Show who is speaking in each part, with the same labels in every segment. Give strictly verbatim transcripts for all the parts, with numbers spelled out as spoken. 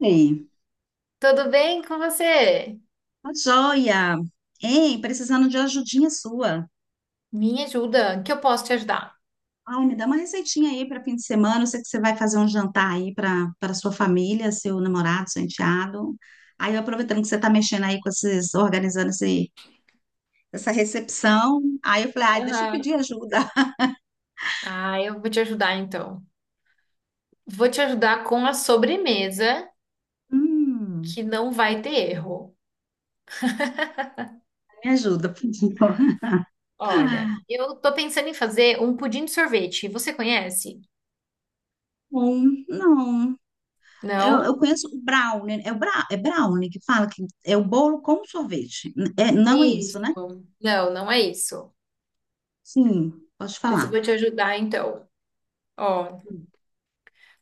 Speaker 1: Ei,
Speaker 2: Tudo bem com você?
Speaker 1: tá joia. Ei, precisando de uma ajudinha sua.
Speaker 2: Me ajuda, que eu posso te ajudar.
Speaker 1: Ai, me dá uma receitinha aí para fim de semana. Eu sei que você vai fazer um jantar aí para para sua família, seu namorado, seu enteado. Aí, eu aproveitando que você tá mexendo aí com esses, organizando esse, essa recepção, aí eu falei, ai, deixa eu
Speaker 2: Aham.
Speaker 1: pedir ajuda.
Speaker 2: Ah, eu vou te ajudar então. Vou te ajudar com a sobremesa
Speaker 1: Hum.
Speaker 2: que não vai ter erro.
Speaker 1: Me ajuda, por favor.
Speaker 2: Olha, eu tô pensando em fazer um pudim de sorvete. Você conhece?
Speaker 1: Bom, não. Eu, eu
Speaker 2: Não?
Speaker 1: conheço o brownie. É, o bra, é brownie que fala que é o bolo com sorvete. É, não é isso, né?
Speaker 2: Isso. Não, não é isso.
Speaker 1: Sim, pode
Speaker 2: Pois eu
Speaker 1: falar.
Speaker 2: vou te ajudar então. Ó,
Speaker 1: Hum,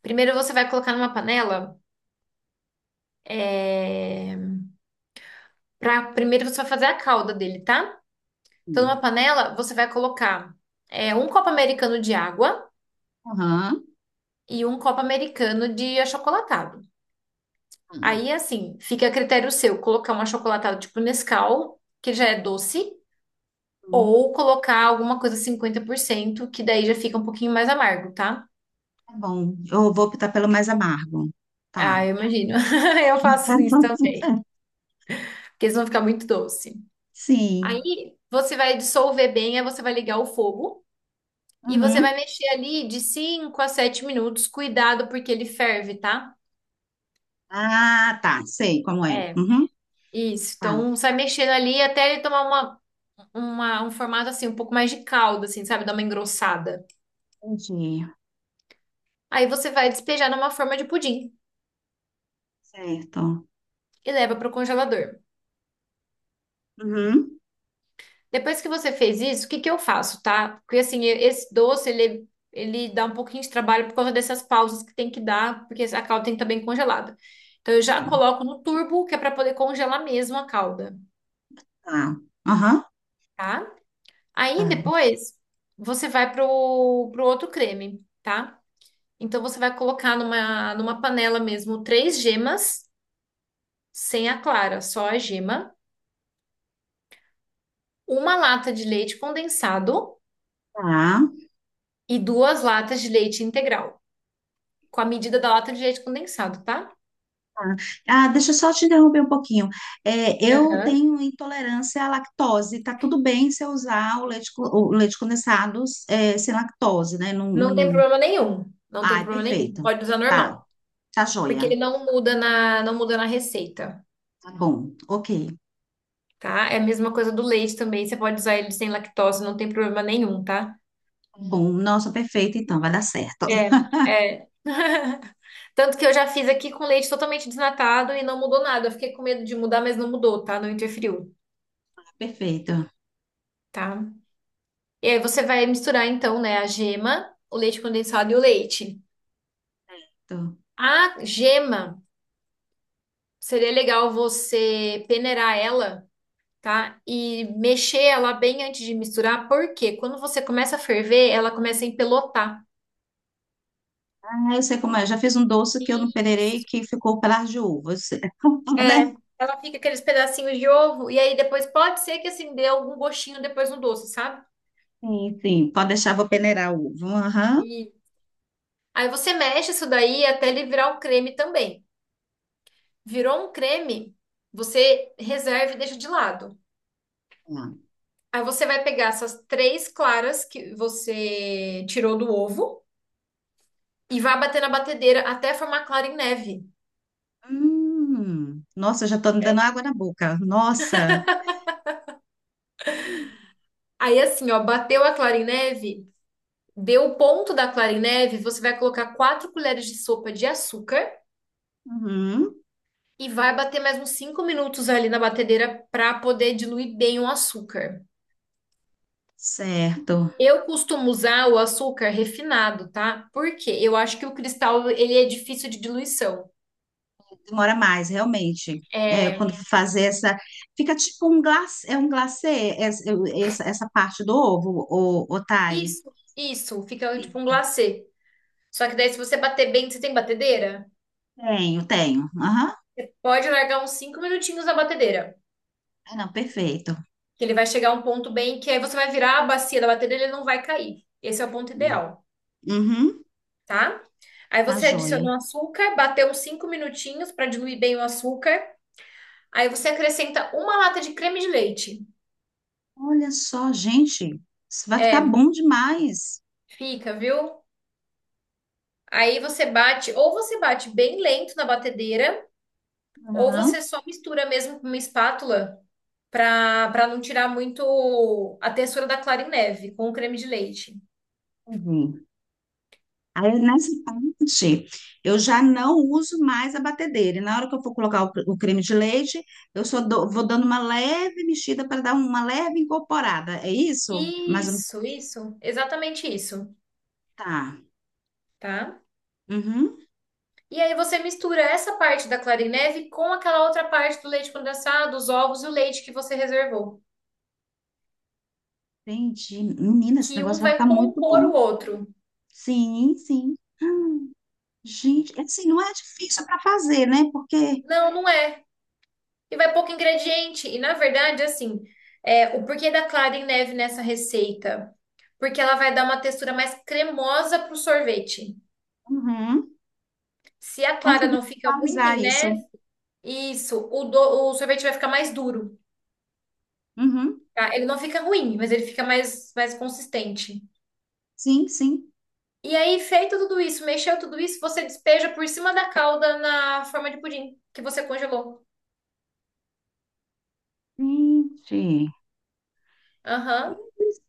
Speaker 2: primeiro você vai colocar numa panela. É... Pra... Primeiro você vai fazer a calda dele, tá? Então,
Speaker 1: hum.
Speaker 2: numa panela, você vai colocar é, um copo americano de água.
Speaker 1: Aham.
Speaker 2: E um copo americano de achocolatado.
Speaker 1: Hum.
Speaker 2: Aí, assim, fica a critério seu colocar um achocolatado tipo Nescau, que já é doce,
Speaker 1: Hum,
Speaker 2: ou colocar alguma coisa cinquenta por cento que daí já fica um pouquinho mais amargo, tá?
Speaker 1: tá bom. Eu vou optar pelo mais amargo.
Speaker 2: Ah,
Speaker 1: Tá.
Speaker 2: eu imagino. Eu faço isso também, porque eles vão ficar muito doce.
Speaker 1: Sim.
Speaker 2: Aí, você vai dissolver bem, aí você vai ligar o fogo e você vai
Speaker 1: Uhum.
Speaker 2: mexer ali de cinco a sete minutos. Cuidado, porque ele ferve, tá?
Speaker 1: Ah, tá. Sei como é.
Speaker 2: É,
Speaker 1: Uhum.
Speaker 2: isso.
Speaker 1: Tá.
Speaker 2: Então, sai mexendo ali até ele tomar uma uma- um formato assim, um pouco mais de calda, assim, sabe? Dá uma engrossada.
Speaker 1: Entendi.
Speaker 2: Aí você vai despejar numa forma de pudim
Speaker 1: Certo.
Speaker 2: e leva para o congelador.
Speaker 1: Uhum.
Speaker 2: Depois que você fez isso, o que que eu faço, tá? Porque assim, e- esse doce, ele, ele dá um pouquinho de trabalho por causa dessas pausas que tem que dar, porque a calda tem que estar bem congelada. Então eu já coloco no turbo, que é para poder congelar mesmo a calda,
Speaker 1: Tá. Aham.
Speaker 2: tá? Aí
Speaker 1: Tá.
Speaker 2: depois você vai pro, pro outro creme, tá? Então você vai colocar numa, numa panela mesmo três gemas sem a clara, só a gema, uma lata de leite condensado
Speaker 1: Tá.
Speaker 2: e duas latas de leite integral, com a medida da lata de leite condensado, tá?
Speaker 1: Tá. Ah, deixa eu só te interromper um pouquinho. É, eu
Speaker 2: Aham.
Speaker 1: tenho intolerância à lactose. Tá tudo bem se eu usar o leite, co- o leite condensado, é, sem lactose, né? Não,
Speaker 2: Não tem
Speaker 1: não-
Speaker 2: problema nenhum. Não tem
Speaker 1: Ai,
Speaker 2: problema nenhum.
Speaker 1: perfeito.
Speaker 2: Pode usar
Speaker 1: Tá,
Speaker 2: normal,
Speaker 1: tá
Speaker 2: porque
Speaker 1: joia.
Speaker 2: ele não muda na não muda na receita,
Speaker 1: Tá bom, ok.
Speaker 2: tá? É a mesma coisa do leite também, você pode usar ele sem lactose, não tem problema nenhum, tá?
Speaker 1: Tá Bom, nossa, perfeito, então, vai dar certo.
Speaker 2: É, é. Tanto que eu já fiz aqui com leite totalmente desnatado e não mudou nada. Eu fiquei com medo de mudar, mas não mudou, tá? Não interferiu,
Speaker 1: Perfeito.
Speaker 2: tá? E aí você vai misturar então, né, a gema, o leite condensado e o leite.
Speaker 1: Tô.
Speaker 2: A gema seria legal você peneirar ela, tá? E mexer ela bem antes de misturar, porque quando você começa a ferver, ela começa a empelotar.
Speaker 1: Ah, eu sei como é. Eu já fiz um doce que eu não peneirei
Speaker 2: Isso.
Speaker 1: que ficou pelas de uva. Eu sei. Né?
Speaker 2: É, ela fica aqueles pedacinhos de ovo e aí depois pode ser que assim dê algum gostinho depois no doce, sabe?
Speaker 1: Sim, sim. Pode deixar, vou peneirar o ovo. Aham.
Speaker 2: E aí você mexe isso daí até ele virar um creme também. Virou um creme, você reserva e deixa de lado.
Speaker 1: Tá.
Speaker 2: Aí você vai pegar essas três claras que você tirou do ovo e vai bater na batedeira até formar clara em neve.
Speaker 1: Hum, nossa, eu já tô me dando
Speaker 2: É.
Speaker 1: água na boca. Nossa.
Speaker 2: Aí assim, ó, bateu a clara em neve, deu o ponto da clara em neve, você vai colocar quatro colheres de sopa de açúcar
Speaker 1: Uhum.
Speaker 2: e vai bater mais uns cinco minutos ali na batedeira para poder diluir bem o açúcar.
Speaker 1: Certo.
Speaker 2: Eu costumo usar o açúcar refinado, tá? Porque eu acho que o cristal ele é difícil de diluição.
Speaker 1: Demora mais, realmente. É,
Speaker 2: É,
Speaker 1: quando fazer essa. Fica tipo um glacê, é um glacê, essa, essa, essa parte do ovo, o, o Thay.
Speaker 2: isso, isso, fica tipo um glacê. Só que daí, se você bater bem, você tem batedeira?
Speaker 1: Tenho, tenho. Aham.
Speaker 2: Pode largar uns cinco minutinhos na batedeira.
Speaker 1: Ah, não, perfeito.
Speaker 2: Que ele vai chegar a um ponto bem que aí você vai virar a bacia da batedeira e ele não vai cair. Esse é o ponto ideal,
Speaker 1: Uhum,
Speaker 2: tá? Aí
Speaker 1: tá
Speaker 2: você
Speaker 1: joia.
Speaker 2: adiciona o açúcar, bateu uns cinco minutinhos para diluir bem o açúcar. Aí você acrescenta uma lata de creme de leite.
Speaker 1: Olha só, gente, isso vai ficar
Speaker 2: É,
Speaker 1: bom demais.
Speaker 2: fica, viu? Aí você bate, ou você bate bem lento na batedeira, ou
Speaker 1: Aham.
Speaker 2: você só mistura mesmo com uma espátula para para não tirar muito a textura da clara em neve com o creme de leite.
Speaker 1: Uhum. Aí, nessa parte, eu já não uso mais a batedeira. E na hora que eu for colocar o, cre- o creme de leite, eu só dou- vou dando uma leve mexida para dar uma leve incorporada. É isso? Mas
Speaker 2: Isso, isso, exatamente isso,
Speaker 1: tá.
Speaker 2: tá?
Speaker 1: Uhum.
Speaker 2: E aí você mistura essa parte da clara em neve com aquela outra parte do leite condensado, os ovos e o leite que você reservou,
Speaker 1: Entendi. Menina, esse
Speaker 2: que um
Speaker 1: negócio vai
Speaker 2: vai
Speaker 1: ficar muito
Speaker 2: compor
Speaker 1: bom.
Speaker 2: o outro.
Speaker 1: Sim, sim. Gente, é assim, não é difícil para fazer, né? Porque,
Speaker 2: Não, não é. E vai pouco ingrediente. E na verdade, assim, é, o porquê da clara em neve nessa receita? Porque ela vai dar uma textura mais cremosa pro sorvete.
Speaker 1: uhum,
Speaker 2: Se a clara
Speaker 1: consegui
Speaker 2: não fica muito em
Speaker 1: visualizar isso.
Speaker 2: neve. Isso, o, do- o sorvete vai ficar mais duro,
Speaker 1: Uhum.
Speaker 2: tá? Ele não fica ruim, mas ele fica mais, mais consistente.
Speaker 1: Sim, sim.
Speaker 2: E aí, feito tudo isso, mexeu tudo isso, você despeja por cima da calda na forma de pudim que você congelou.
Speaker 1: Gente.
Speaker 2: Aham.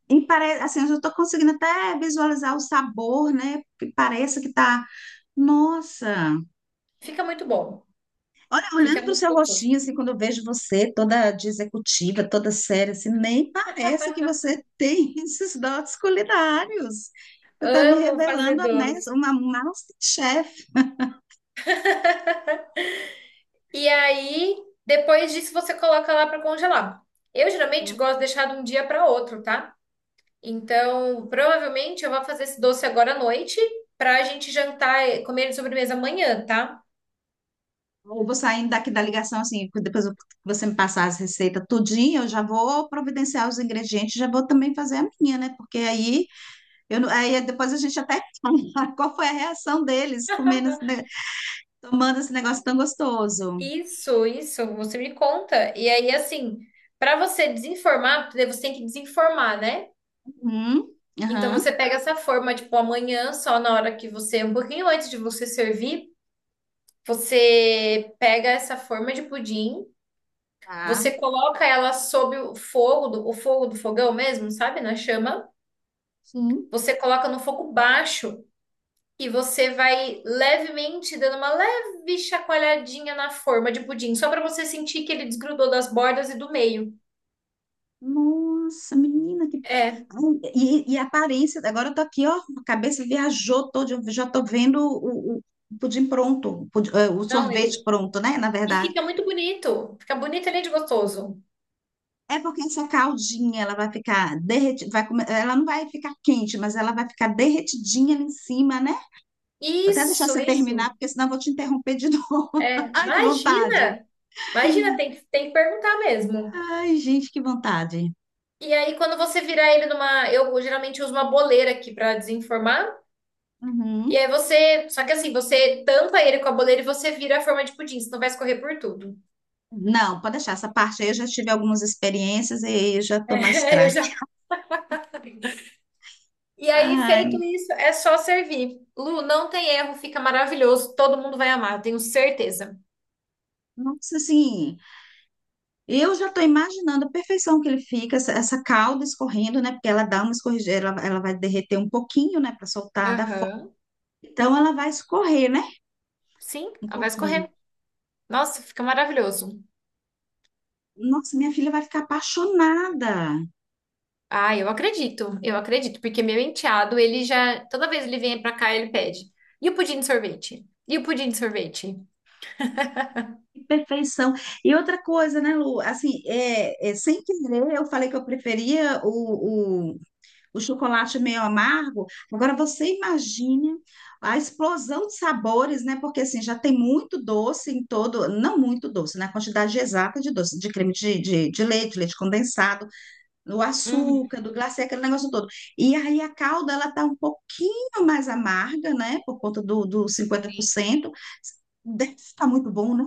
Speaker 1: E parece, assim, eu já estou conseguindo até visualizar o sabor, né? Que parece que tá. Nossa!
Speaker 2: Fica muito bom.
Speaker 1: Olha,
Speaker 2: Fica
Speaker 1: olhando para o
Speaker 2: muito
Speaker 1: seu
Speaker 2: gostoso.
Speaker 1: rostinho, assim, quando eu vejo você toda de executiva, toda séria, assim, nem parece que você tem esses dotes culinários. Você está me
Speaker 2: Amo
Speaker 1: revelando
Speaker 2: fazer
Speaker 1: a
Speaker 2: doce.
Speaker 1: mes- uma masterchef.
Speaker 2: E aí, depois disso, você coloca lá para congelar. Eu geralmente gosto de deixar de um dia para outro, tá? Então, provavelmente eu vou fazer esse doce agora à noite para a gente jantar, e comer ele de sobremesa amanhã, tá?
Speaker 1: Eu vou saindo daqui da ligação, assim, depois eu- que você me passar as receitas tudinho, eu já vou providenciar os ingredientes, já vou também fazer a minha, né? Porque aí. Eu não- aí depois a gente até fala qual foi a reação deles comendo, esse ne- tomando esse negócio tão gostoso.
Speaker 2: Isso, isso, você me conta. E aí, assim, para você desinformar, porque você tem que desinformar, né?
Speaker 1: Uhum,
Speaker 2: Então
Speaker 1: aham,
Speaker 2: você pega essa forma, tipo, amanhã, só na hora que você, um pouquinho antes de você servir, você pega essa forma de pudim,
Speaker 1: tá,
Speaker 2: você coloca ela sob o fogo do, o fogo do fogão mesmo, sabe? Na chama.
Speaker 1: sim.
Speaker 2: Você coloca no fogo baixo. E você vai levemente dando uma leve chacoalhadinha na forma de pudim, só para você sentir que ele desgrudou das bordas e do meio.
Speaker 1: Nossa, menina, que...
Speaker 2: É.
Speaker 1: Ai, E, e a aparência, agora eu tô aqui, ó, a cabeça viajou toda, eu já tô vendo o, o o pudim pronto, o, pudi- eh, o
Speaker 2: Não,
Speaker 1: sorvete
Speaker 2: ele.
Speaker 1: pronto, né, na
Speaker 2: E
Speaker 1: verdade.
Speaker 2: fica muito bonito. Fica bonito além de gostoso.
Speaker 1: É porque essa caldinha, ela vai ficar derretida, vai come- ela não vai ficar quente, mas ela vai ficar derretidinha ali em cima, né? Vou até deixar
Speaker 2: Isso,
Speaker 1: você terminar,
Speaker 2: isso.
Speaker 1: porque senão eu vou te interromper de novo.
Speaker 2: É,
Speaker 1: Ai, que vontade.
Speaker 2: imagina! Imagina, tem que, tem que perguntar mesmo.
Speaker 1: Ai, gente, que vontade.
Speaker 2: E aí, quando você virar ele numa. Eu geralmente uso uma boleira aqui para desenformar. E
Speaker 1: Uhum.
Speaker 2: aí você. Só que assim, você tampa ele com a boleira e você vira a forma de pudim, senão vai escorrer por tudo.
Speaker 1: Não, pode deixar essa parte aí. Eu já tive algumas experiências e eu já estou mais
Speaker 2: É, eu
Speaker 1: craque.
Speaker 2: já. E aí, feito
Speaker 1: Ai,
Speaker 2: isso, é só servir. Lu, não tem erro, fica maravilhoso. Todo mundo vai amar, tenho certeza.
Speaker 1: nossa, assim, eu já estou imaginando a perfeição que ele fica, essa, essa calda escorrendo, né? Porque ela dá uma escorredeira, ela, ela vai derreter um pouquinho, né? Para soltar da forma.
Speaker 2: Aham.
Speaker 1: Então ela vai escorrer, né?
Speaker 2: Sim,
Speaker 1: Um
Speaker 2: ela vai
Speaker 1: pouquinho.
Speaker 2: escorrer. Nossa, fica maravilhoso.
Speaker 1: Nossa, minha filha vai ficar apaixonada.
Speaker 2: Ah, eu acredito, eu acredito, porque meu enteado, ele já, toda vez ele vem pra cá, ele pede. E o pudim de sorvete? E o pudim de sorvete?
Speaker 1: Perfeição. E outra coisa, né, Lu? Assim, é, é, sem querer, eu falei que eu preferia o, o, o chocolate meio amargo. Agora, você imagine a explosão de sabores, né? Porque, assim, já tem muito doce em todo, não muito doce, né? A quantidade exata de doce, de creme de, de, de leite, leite condensado, do
Speaker 2: Uhum.
Speaker 1: açúcar, do glacê, aquele negócio todo. E aí a calda, ela tá um pouquinho mais amarga, né? Por conta do, do cinquenta por
Speaker 2: Sim.
Speaker 1: cento Deve estar muito bom, né?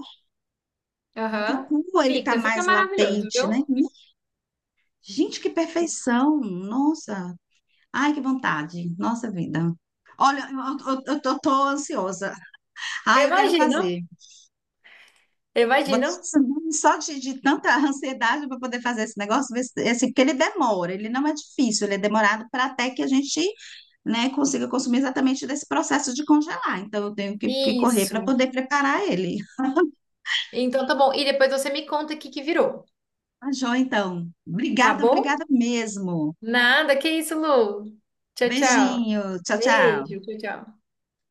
Speaker 1: O
Speaker 2: Aham.
Speaker 1: cacau, ele tá
Speaker 2: Fica, fica
Speaker 1: mais
Speaker 2: maravilhoso,
Speaker 1: latente, né?
Speaker 2: viu?
Speaker 1: Minha. Gente, que
Speaker 2: Sim.
Speaker 1: perfeição! Nossa! Ai, que vontade! Nossa vida! Olha, eu, eu, eu tô, tô ansiosa.
Speaker 2: Eu
Speaker 1: Ai, eu quero
Speaker 2: imagino,
Speaker 1: fazer.
Speaker 2: eu
Speaker 1: Vou-
Speaker 2: imagino.
Speaker 1: Só de, de tanta ansiedade para poder fazer esse negócio, ver se- assim, porque ele demora, ele não é difícil, ele é demorado para até que a gente, né, consiga consumir exatamente desse processo de congelar. Então, eu tenho que, que correr para
Speaker 2: Isso.
Speaker 1: poder preparar ele.
Speaker 2: Então tá bom. E depois você me conta o que que virou,
Speaker 1: Tá joia, então.
Speaker 2: tá
Speaker 1: Obrigada,
Speaker 2: bom?
Speaker 1: obrigada mesmo.
Speaker 2: Nada, que isso, Lu. Tchau, tchau.
Speaker 1: Beijinho. Tchau, tchau.
Speaker 2: Beijo, tchau, tchau.